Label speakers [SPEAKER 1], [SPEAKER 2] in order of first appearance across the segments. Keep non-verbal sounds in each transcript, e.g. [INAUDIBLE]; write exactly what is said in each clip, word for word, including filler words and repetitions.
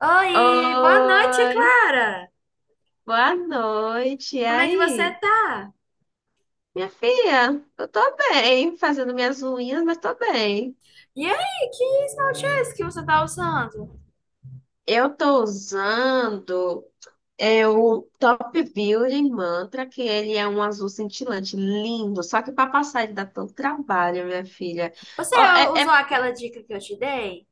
[SPEAKER 1] Oi, boa noite,
[SPEAKER 2] Oi,
[SPEAKER 1] Clara.
[SPEAKER 2] boa noite. E
[SPEAKER 1] Como é que você
[SPEAKER 2] aí?
[SPEAKER 1] tá?
[SPEAKER 2] Minha filha, eu tô bem, fazendo minhas unhas, mas tô bem.
[SPEAKER 1] E aí, que esmalte é esse que você tá usando?
[SPEAKER 2] Eu tô usando é, o Top Building Mantra, que ele é um azul cintilante, lindo. Só que para passar ele dá tanto trabalho, minha filha.
[SPEAKER 1] Você
[SPEAKER 2] Ó, é,
[SPEAKER 1] usou
[SPEAKER 2] é
[SPEAKER 1] aquela dica que eu te dei?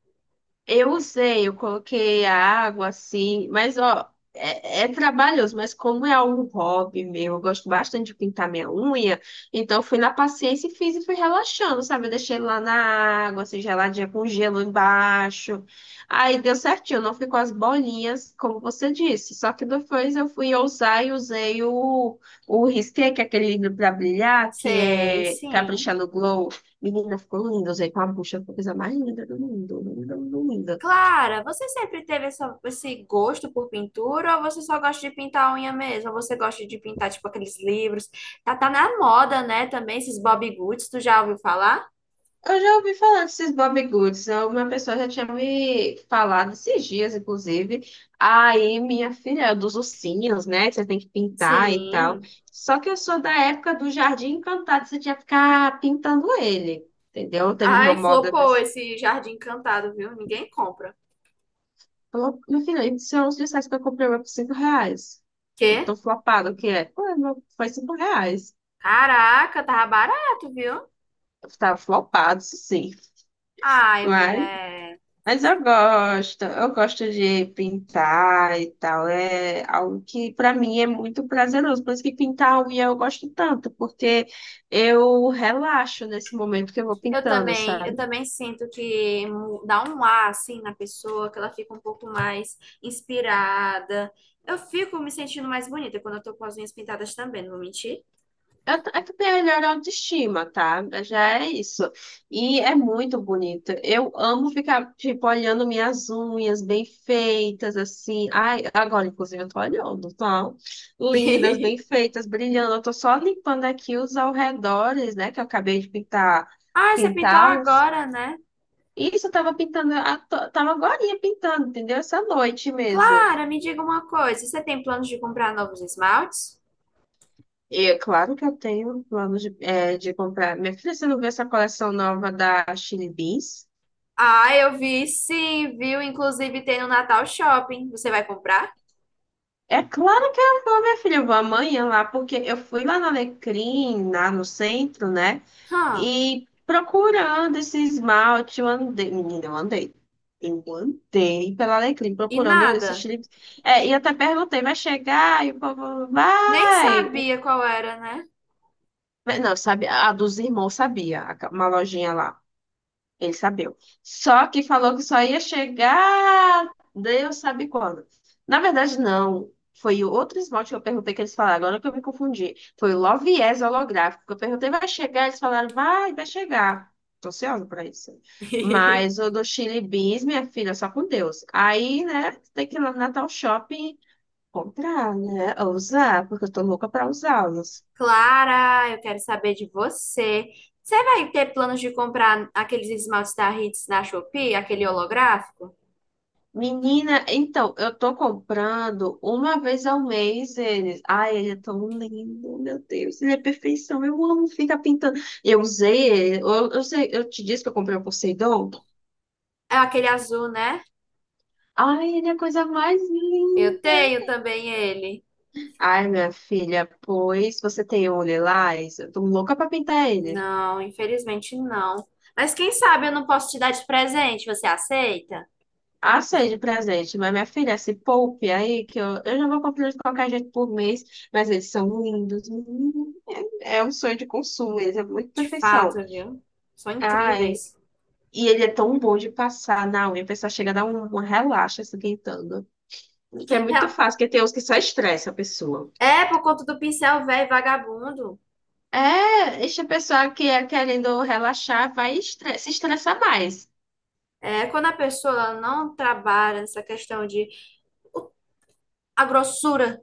[SPEAKER 2] Eu usei, eu coloquei a água assim, mas ó, é, é trabalhoso, mas como é um hobby meu, eu gosto bastante de pintar minha unha, então eu fui na paciência e fiz e fui relaxando, sabe? Eu deixei lá na água, assim, geladinha com gelo embaixo. Aí deu certinho, não ficou as bolinhas, como você disse. Só que depois eu fui ousar e usei o, o risqué, que é aquele livro para brilhar, que
[SPEAKER 1] Sei,
[SPEAKER 2] é
[SPEAKER 1] sim.
[SPEAKER 2] Capricha no Glow. Menina, ficou lindo. Usei com a bucha, foi a coisa mais linda do mundo. Linda, linda, linda.
[SPEAKER 1] Clara, você sempre teve essa- esse gosto por pintura ou você só gosta de pintar a unha mesmo? Ou você gosta de pintar, tipo, aqueles livros? Tá, tá na moda, né, também, esses Bobbie Goods, tu já ouviu falar?
[SPEAKER 2] Eu já ouvi falar desses Bobbie Goods. Uma pessoa já tinha me falado esses dias, inclusive. Aí, minha filha, é dos ursinhos, né? que Você tem que pintar e tal.
[SPEAKER 1] Sim.
[SPEAKER 2] Só que eu sou da época do Jardim Encantado, você tinha que ficar pintando ele, entendeu? Teve uma
[SPEAKER 1] Ai,
[SPEAKER 2] moda
[SPEAKER 1] flopou
[SPEAKER 2] desse.
[SPEAKER 1] esse jardim encantado, viu? Ninguém compra.
[SPEAKER 2] Falou, meu filho, isso são uns disfarces que eu comprei mas por cinco reais. Eu
[SPEAKER 1] Quê?
[SPEAKER 2] tô flopado, o que é? Pô, meu, foi cinco reais.
[SPEAKER 1] Caraca, tava barato, viu?
[SPEAKER 2] Eu tava flopado, isso sim.
[SPEAKER 1] Ai,
[SPEAKER 2] Mas
[SPEAKER 1] mulher,
[SPEAKER 2] Mas eu gosto, eu gosto de pintar e tal. É algo que para mim é muito prazeroso. Por isso que pintar a unha eu gosto tanto, porque eu relaxo nesse momento que eu vou
[SPEAKER 1] eu
[SPEAKER 2] pintando,
[SPEAKER 1] também, eu
[SPEAKER 2] sabe?
[SPEAKER 1] também sinto que mu- dá um ar assim na pessoa, que ela fica um pouco mais inspirada. Eu fico me sentindo mais bonita quando eu tô com as unhas pintadas também, não vou mentir.
[SPEAKER 2] É Eu, t- eu tenho a melhor autoestima, tá? Já é isso. E é muito bonito. Eu amo ficar, tipo, olhando minhas unhas bem feitas, assim. Ai, agora, inclusive, eu tô olhando, tá? Lindas, bem
[SPEAKER 1] [LAUGHS]
[SPEAKER 2] feitas, brilhando. Eu tô só limpando aqui os alredores, né? Que eu acabei de pintar,
[SPEAKER 1] Ai, você pintou
[SPEAKER 2] pintá-los.
[SPEAKER 1] agora, né?
[SPEAKER 2] Isso, eu tava pintando, a to- tava agorinha pintando, entendeu? Essa noite mesmo.
[SPEAKER 1] Clara, me diga uma coisa, você tem planos de comprar novos esmaltes?
[SPEAKER 2] E é claro que eu tenho plano de, eh, de comprar. Minha filha, você não viu essa coleção nova da Chili Beans?
[SPEAKER 1] Ah, eu vi sim, viu? Inclusive tem no Natal Shopping. Você vai comprar?
[SPEAKER 2] É claro que eu vou, minha filha, eu vou amanhã lá, porque eu fui lá na Alecrim, lá no centro, né?
[SPEAKER 1] Hã,
[SPEAKER 2] E procurando esse esmalte, eu andei, menina, eu andei. Eu andei pela Alecrim
[SPEAKER 1] e
[SPEAKER 2] procurando esses
[SPEAKER 1] nada.
[SPEAKER 2] chips. É, e até perguntei, vai chegar? E o povo,
[SPEAKER 1] Nem
[SPEAKER 2] vai!
[SPEAKER 1] sabia qual era, né?
[SPEAKER 2] Mas Não, sabe, a dos irmãos sabia, a- uma lojinha lá. Ele sabeu. Só que falou que só ia chegar Deus sabe quando. Na verdade, não. Foi o outro esmalte que eu perguntei que eles falaram. Agora que eu me confundi. Foi o Loviés holográfico. Que Eu perguntei, vai chegar? Eles falaram, vai vai chegar. Tô ansiosa pra isso. Mas
[SPEAKER 1] [LAUGHS]
[SPEAKER 2] o do Chili Beans, minha filha, só com Deus. Aí, né, tem que ir lá no Natal Shopping comprar, né? Ou usar, porque eu tô louca pra usá-los.
[SPEAKER 1] Clara, eu quero saber de você. Você vai ter planos de comprar aqueles esmaltes da Hits na Shopee, aquele holográfico?
[SPEAKER 2] Menina, então, eu tô comprando uma vez ao mês eles. Ai, ele é tão lindo, meu Deus, ele é perfeição. Eu amo ficar pintando. Eu usei ele, eu, eu sei, eu te disse que eu comprei o Poseidon.
[SPEAKER 1] É aquele azul, né?
[SPEAKER 2] Ai, ele é a coisa mais
[SPEAKER 1] Eu
[SPEAKER 2] linda.
[SPEAKER 1] tenho também ele.
[SPEAKER 2] Ai, minha filha, pois você tem um lilás? Eu tô louca pra pintar ele.
[SPEAKER 1] Não, infelizmente não. Mas quem sabe eu não posso te dar de presente, você aceita?
[SPEAKER 2] Aceite de presente, mas minha filha, se poupe aí, que eu, eu já vou comprando de qualquer jeito por mês, mas eles são lindos. Hum, É um sonho de consumo, eles é muito
[SPEAKER 1] De
[SPEAKER 2] perfeição.
[SPEAKER 1] fato, viu? São
[SPEAKER 2] Ai,
[SPEAKER 1] incríveis.
[SPEAKER 2] e ele é tão bom de passar na unha, a pessoa chega a dar um, um relaxa se esquentando. Que é muito fácil, porque tem uns que só estressa a pessoa.
[SPEAKER 1] É, é por conta do pincel velho vagabundo.
[SPEAKER 2] É, esse a pessoa que é querendo relaxar, vai estre- se estressar mais.
[SPEAKER 1] É, quando a pessoa não trabalha nessa questão de o a grossura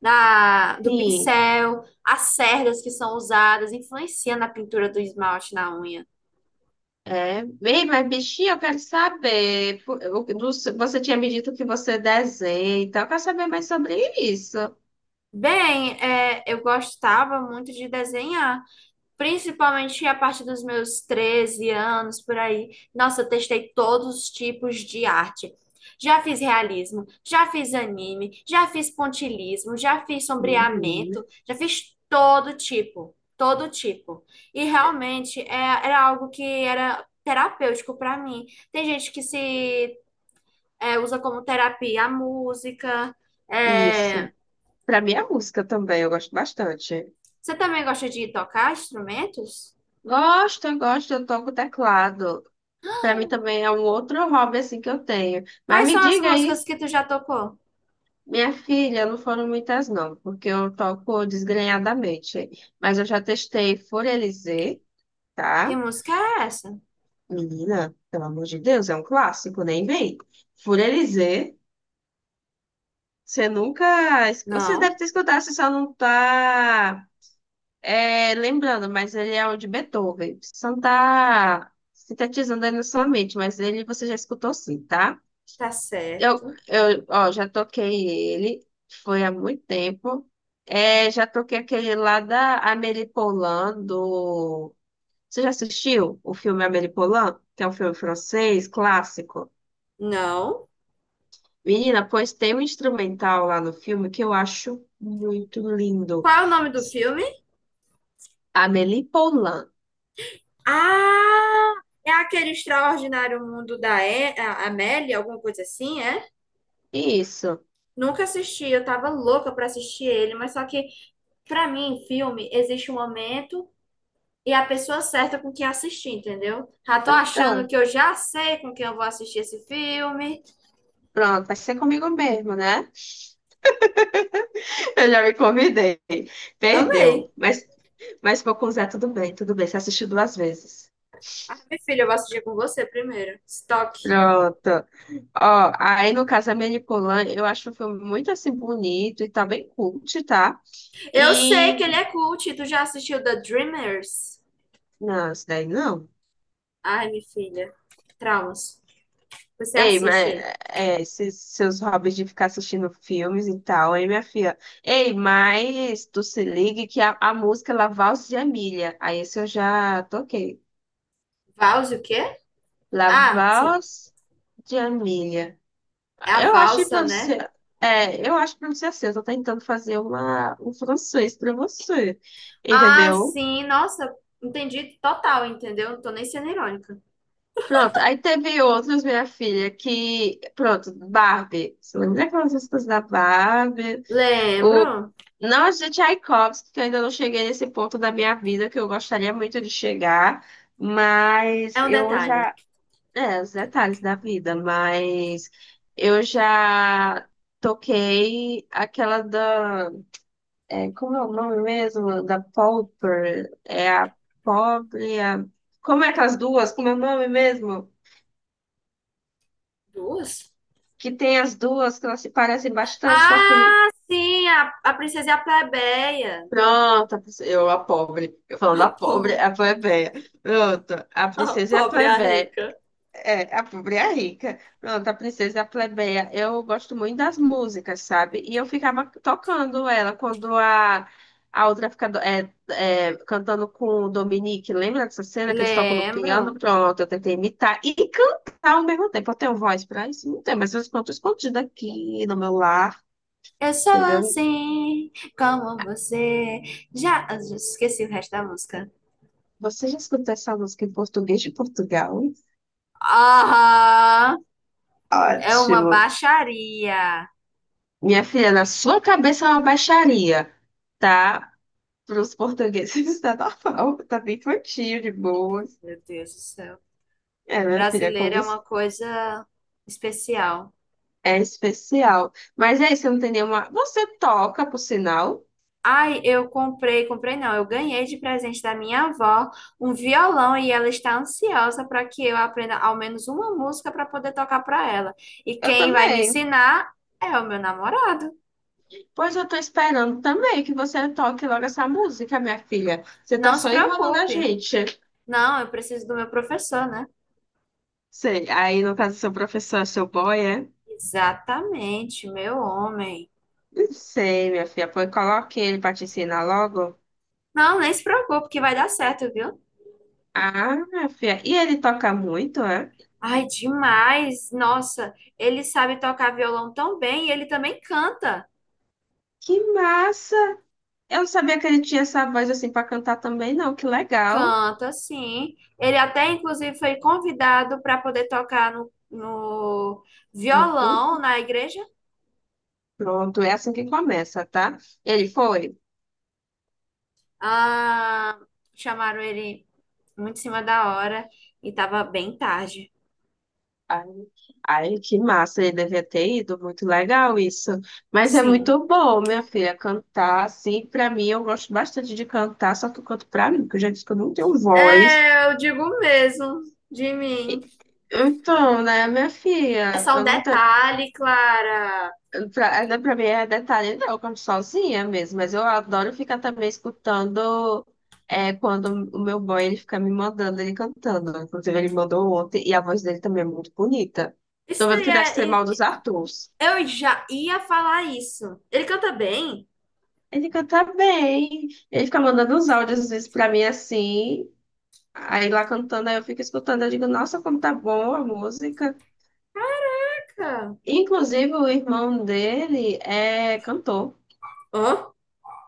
[SPEAKER 1] da, do
[SPEAKER 2] Sim,
[SPEAKER 1] pincel, as cerdas que são usadas, influencia na pintura do esmalte na unha.
[SPEAKER 2] é. Bem, mas bichinho, eu quero saber. por- o- do- Você tinha me dito que você desenha, então eu quero saber mais sobre isso.
[SPEAKER 1] Bem, é, eu gostava muito de desenhar. Principalmente a partir dos meus treze anos, por aí. Nossa, eu testei todos os tipos de arte. Já fiz realismo, já fiz anime, já fiz pontilhismo, já fiz
[SPEAKER 2] Menina,
[SPEAKER 1] sombreamento, já fiz todo tipo, todo tipo. E realmente é, era algo que era terapêutico para mim. Tem gente que se é, usa como terapia a música. É.
[SPEAKER 2] isso. Pra mim é música também, eu gosto bastante.
[SPEAKER 1] Você também gosta de tocar instrumentos?
[SPEAKER 2] Gosto, eu gosto, eu toco teclado. Para mim também é um outro hobby assim que eu tenho. Mas
[SPEAKER 1] Quais
[SPEAKER 2] me
[SPEAKER 1] são as
[SPEAKER 2] diga aí,
[SPEAKER 1] músicas que tu já tocou?
[SPEAKER 2] minha filha, não foram muitas não, porque eu toco desgrenhadamente. Mas eu já testei Furelizé,
[SPEAKER 1] Que
[SPEAKER 2] tá?
[SPEAKER 1] música é essa?
[SPEAKER 2] Menina, pelo amor de Deus, é um clássico, nem vem. Furelizé, você nunca... es- Você deve
[SPEAKER 1] Não.
[SPEAKER 2] ter escutado, você só não tá é, lembrando, mas ele é o de Beethoven. Você só não tá sintetizando aí na sua mente, mas ele você já escutou sim, tá?
[SPEAKER 1] Tá
[SPEAKER 2] Eu,
[SPEAKER 1] certo.
[SPEAKER 2] eu, ó, já toquei ele, foi há muito tempo. É, já toquei aquele lá da Amélie Poulain, do... Você já assistiu o filme Amélie Poulain? Que é um filme francês, clássico.
[SPEAKER 1] Não.
[SPEAKER 2] Menina, pois tem um instrumental lá no filme que eu acho muito lindo.
[SPEAKER 1] Qual é o nome do filme?
[SPEAKER 2] Amélie Poulain.
[SPEAKER 1] Ah, é aquele Extraordinário Mundo da e a- Amélie, alguma coisa assim, é?
[SPEAKER 2] Isso.
[SPEAKER 1] Nunca assisti, eu tava louca pra assistir ele, mas só que pra mim, filme, existe um momento e a pessoa certa com quem assistir, entendeu? Já tô achando
[SPEAKER 2] Então,
[SPEAKER 1] que eu já sei com quem eu vou assistir esse filme.
[SPEAKER 2] pronto, vai ser comigo mesmo, né? [LAUGHS] Eu já me convidei.
[SPEAKER 1] Amei.
[SPEAKER 2] Perdeu. Mas, mas vou com o Zé, tudo bem, tudo bem. Você assistiu duas vezes.
[SPEAKER 1] Ah, minha filha, eu vou assistir com você primeiro. Stock.
[SPEAKER 2] Pronto. Ó, aí no caso a Manipulan, eu acho o filme muito assim bonito e tá bem cult, tá?
[SPEAKER 1] Eu sei
[SPEAKER 2] E.
[SPEAKER 1] que ele é cult. Tu já assistiu The Dreamers?
[SPEAKER 2] Não, isso daí não.
[SPEAKER 1] Ai, minha filha. Traumas. Você
[SPEAKER 2] Ei,
[SPEAKER 1] assiste
[SPEAKER 2] mas
[SPEAKER 1] aí.
[SPEAKER 2] é, esses seus hobbies de ficar assistindo filmes e tal, aí minha filha. Ei, mas tu se ligue que a, a música La Valse de Amélie. Aí esse eu já toquei.
[SPEAKER 1] Vals o quê?
[SPEAKER 2] La
[SPEAKER 1] Ah, sim.
[SPEAKER 2] Valse de Amélie.
[SPEAKER 1] É a
[SPEAKER 2] Eu acho que
[SPEAKER 1] valsa,
[SPEAKER 2] pra
[SPEAKER 1] né?
[SPEAKER 2] você. É, eu acho que pra você assim, eu tô tentando fazer uma, um francês pra você.
[SPEAKER 1] Ah,
[SPEAKER 2] Entendeu?
[SPEAKER 1] sim. Nossa, entendi total, entendeu? Não tô nem sendo irônica.
[SPEAKER 2] Pronto, aí teve outros, minha filha, que. Pronto, Barbie. Você lembra aquelas músicas da Barbie? O...
[SPEAKER 1] Lembro.
[SPEAKER 2] Nós de Tchaikovsky, que eu ainda não cheguei nesse ponto da minha vida, que eu gostaria muito de chegar, mas
[SPEAKER 1] É um
[SPEAKER 2] eu
[SPEAKER 1] detalhe.
[SPEAKER 2] já. É, os detalhes da vida, mas eu já toquei aquela da. É, como é o nome mesmo? Da Pauper. É a pobre. A... Como é aquelas duas? Como é o nome mesmo?
[SPEAKER 1] Duas?
[SPEAKER 2] Que tem as duas, que elas se parecem bastante com a filme.
[SPEAKER 1] Ah, sim. A, a princesa e a plebeia. [LAUGHS]
[SPEAKER 2] Pronto, a princesa- eu, a pobre. Eu
[SPEAKER 1] A
[SPEAKER 2] falando a pobre,
[SPEAKER 1] po-
[SPEAKER 2] é a plebeia. Pronto, a
[SPEAKER 1] a
[SPEAKER 2] princesa e a
[SPEAKER 1] pobre e a
[SPEAKER 2] plebeia.
[SPEAKER 1] rica.
[SPEAKER 2] É, a pobre e a rica. Pronto, a princesa e a plebeia. Eu gosto muito das músicas, sabe? E eu ficava tocando ela quando a, a outra fica do- é, é, cantando com o Dominique. Lembra dessa cena que eles tocam no piano?
[SPEAKER 1] Lembro.
[SPEAKER 2] Pronto, eu tentei imitar e cantar ao mesmo tempo. Eu tenho voz pra isso? Não tenho, mas eu canto escondido aqui no meu lar,
[SPEAKER 1] Eu sou
[SPEAKER 2] entendeu?
[SPEAKER 1] assim, como você. Já, ah, já esqueci o resto da música.
[SPEAKER 2] Você já escutou essa música em português de Portugal?
[SPEAKER 1] Ah, é uma
[SPEAKER 2] Ótimo.
[SPEAKER 1] baixaria.
[SPEAKER 2] Minha filha, na sua cabeça é uma baixaria, tá? Para os portugueses [LAUGHS] está normal, tá bem curtinho, de boas.
[SPEAKER 1] Meu Deus do céu.
[SPEAKER 2] É, minha filha, como
[SPEAKER 1] Brasileiro é
[SPEAKER 2] disse,
[SPEAKER 1] uma coisa especial.
[SPEAKER 2] é especial. Mas aí, você não tem nenhuma... Você toca, por sinal?
[SPEAKER 1] Ai, eu comprei, comprei não, eu ganhei de presente da minha avó um violão e ela está ansiosa para que eu aprenda ao menos uma música para poder tocar para ela. E
[SPEAKER 2] Eu
[SPEAKER 1] quem vai me
[SPEAKER 2] também.
[SPEAKER 1] ensinar é o meu namorado.
[SPEAKER 2] Pois eu tô esperando também que você toque logo essa música, minha filha. Você tá
[SPEAKER 1] Não se
[SPEAKER 2] só enrolando a
[SPEAKER 1] preocupe.
[SPEAKER 2] gente.
[SPEAKER 1] Não, eu preciso do meu professor, né?
[SPEAKER 2] Sei, aí no caso, seu professor, é seu boy, é?
[SPEAKER 1] Exatamente, meu homem.
[SPEAKER 2] Não sei, minha filha. Pois coloque ele pra te ensinar logo.
[SPEAKER 1] Não, nem se preocupe que vai dar certo, viu?
[SPEAKER 2] Ah, minha filha. E ele toca muito, é?
[SPEAKER 1] Ai, demais! Nossa, ele sabe tocar violão tão bem e ele também canta.
[SPEAKER 2] Que massa! Eu não sabia que ele tinha essa voz assim pra cantar também, não. Que legal.
[SPEAKER 1] Canta, sim. Ele até, inclusive, foi convidado para poder tocar no, no
[SPEAKER 2] No cu.
[SPEAKER 1] violão na igreja.
[SPEAKER 2] Pronto, é assim que começa, tá? Ele foi.
[SPEAKER 1] Ah, chamaram ele muito em cima da hora e tava bem tarde.
[SPEAKER 2] Ai, ai, que massa, ele devia ter ido, muito legal isso. Mas é
[SPEAKER 1] Sim.
[SPEAKER 2] muito bom, minha filha, cantar assim, pra mim, eu gosto bastante de cantar, só que eu canto pra mim, porque eu já disse que eu não tenho voz.
[SPEAKER 1] É, eu digo mesmo de mim.
[SPEAKER 2] E- Então, né, minha
[SPEAKER 1] É
[SPEAKER 2] filha,
[SPEAKER 1] só um
[SPEAKER 2] eu não, te-
[SPEAKER 1] detalhe, Clara.
[SPEAKER 2] pra, né, pra mim é detalhe, não, eu canto sozinha mesmo, mas eu adoro ficar também escutando é, quando o meu boy ele fica me mandando ele cantando. Inclusive, ele mandou ontem e a voz dele também é muito bonita.
[SPEAKER 1] Isso
[SPEAKER 2] Tô vendo que deve ser mal
[SPEAKER 1] daí
[SPEAKER 2] dos
[SPEAKER 1] é.
[SPEAKER 2] Arthurs.
[SPEAKER 1] Eu já ia falar isso. Ele canta bem?
[SPEAKER 2] Ele canta bem, ele fica mandando uns áudios às vezes pra mim assim, aí lá cantando, aí eu fico escutando, eu digo, nossa, como tá bom a música.
[SPEAKER 1] Caraca.
[SPEAKER 2] Inclusive, o irmão dele é cantor,
[SPEAKER 1] Hã?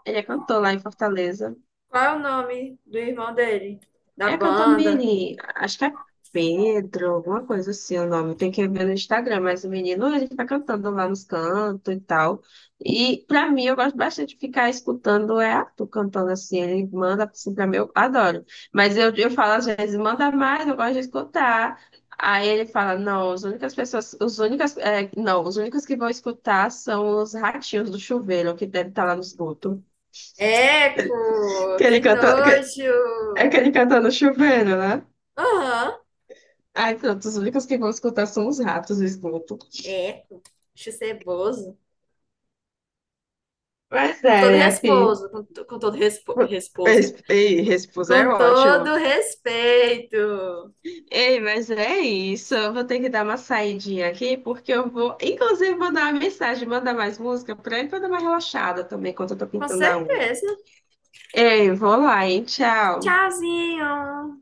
[SPEAKER 2] ele é cantor lá em Fortaleza.
[SPEAKER 1] Qual é o nome do irmão dele? Da
[SPEAKER 2] É
[SPEAKER 1] banda?
[SPEAKER 2] Campamiri, acho que é Pedro, alguma coisa assim o nome. Tem que ver no Instagram, mas o menino ele fica cantando lá nos cantos e tal. E pra mim, eu gosto bastante de ficar escutando é Arthur cantando assim. Ele manda assim pra mim, eu adoro. Mas eu, eu falo às vezes, manda mais, eu gosto de escutar. Aí ele fala, não, as únicas pessoas, os únicas, é, não, os únicos que vão escutar são os ratinhos do chuveiro, que deve estar lá no esgoto. Que
[SPEAKER 1] Eco! Que
[SPEAKER 2] ele canta, que,
[SPEAKER 1] nojo!
[SPEAKER 2] é que ele canta no chuveiro, né?
[SPEAKER 1] Aham.
[SPEAKER 2] Ai, pronto, os únicos que vão escutar são os ratos do esgoto.
[SPEAKER 1] Eco. Acho ceboso.
[SPEAKER 2] Mas
[SPEAKER 1] Com
[SPEAKER 2] é,
[SPEAKER 1] todo
[SPEAKER 2] minha filha.
[SPEAKER 1] resposo. Com, to- com todo respo, resposo.
[SPEAKER 2] Res- Ei, Respus é
[SPEAKER 1] Com
[SPEAKER 2] ótimo.
[SPEAKER 1] todo respeito.
[SPEAKER 2] Ei, mas é isso. Eu vou ter que dar uma saidinha aqui, porque eu vou, inclusive, mandar uma mensagem, mandar mais música pra ele, pra eu dar uma relaxada também, enquanto eu tô
[SPEAKER 1] Com
[SPEAKER 2] pintando a unha.
[SPEAKER 1] certeza.
[SPEAKER 2] Ei, vou lá, hein? Tchau.
[SPEAKER 1] Tchauzinho.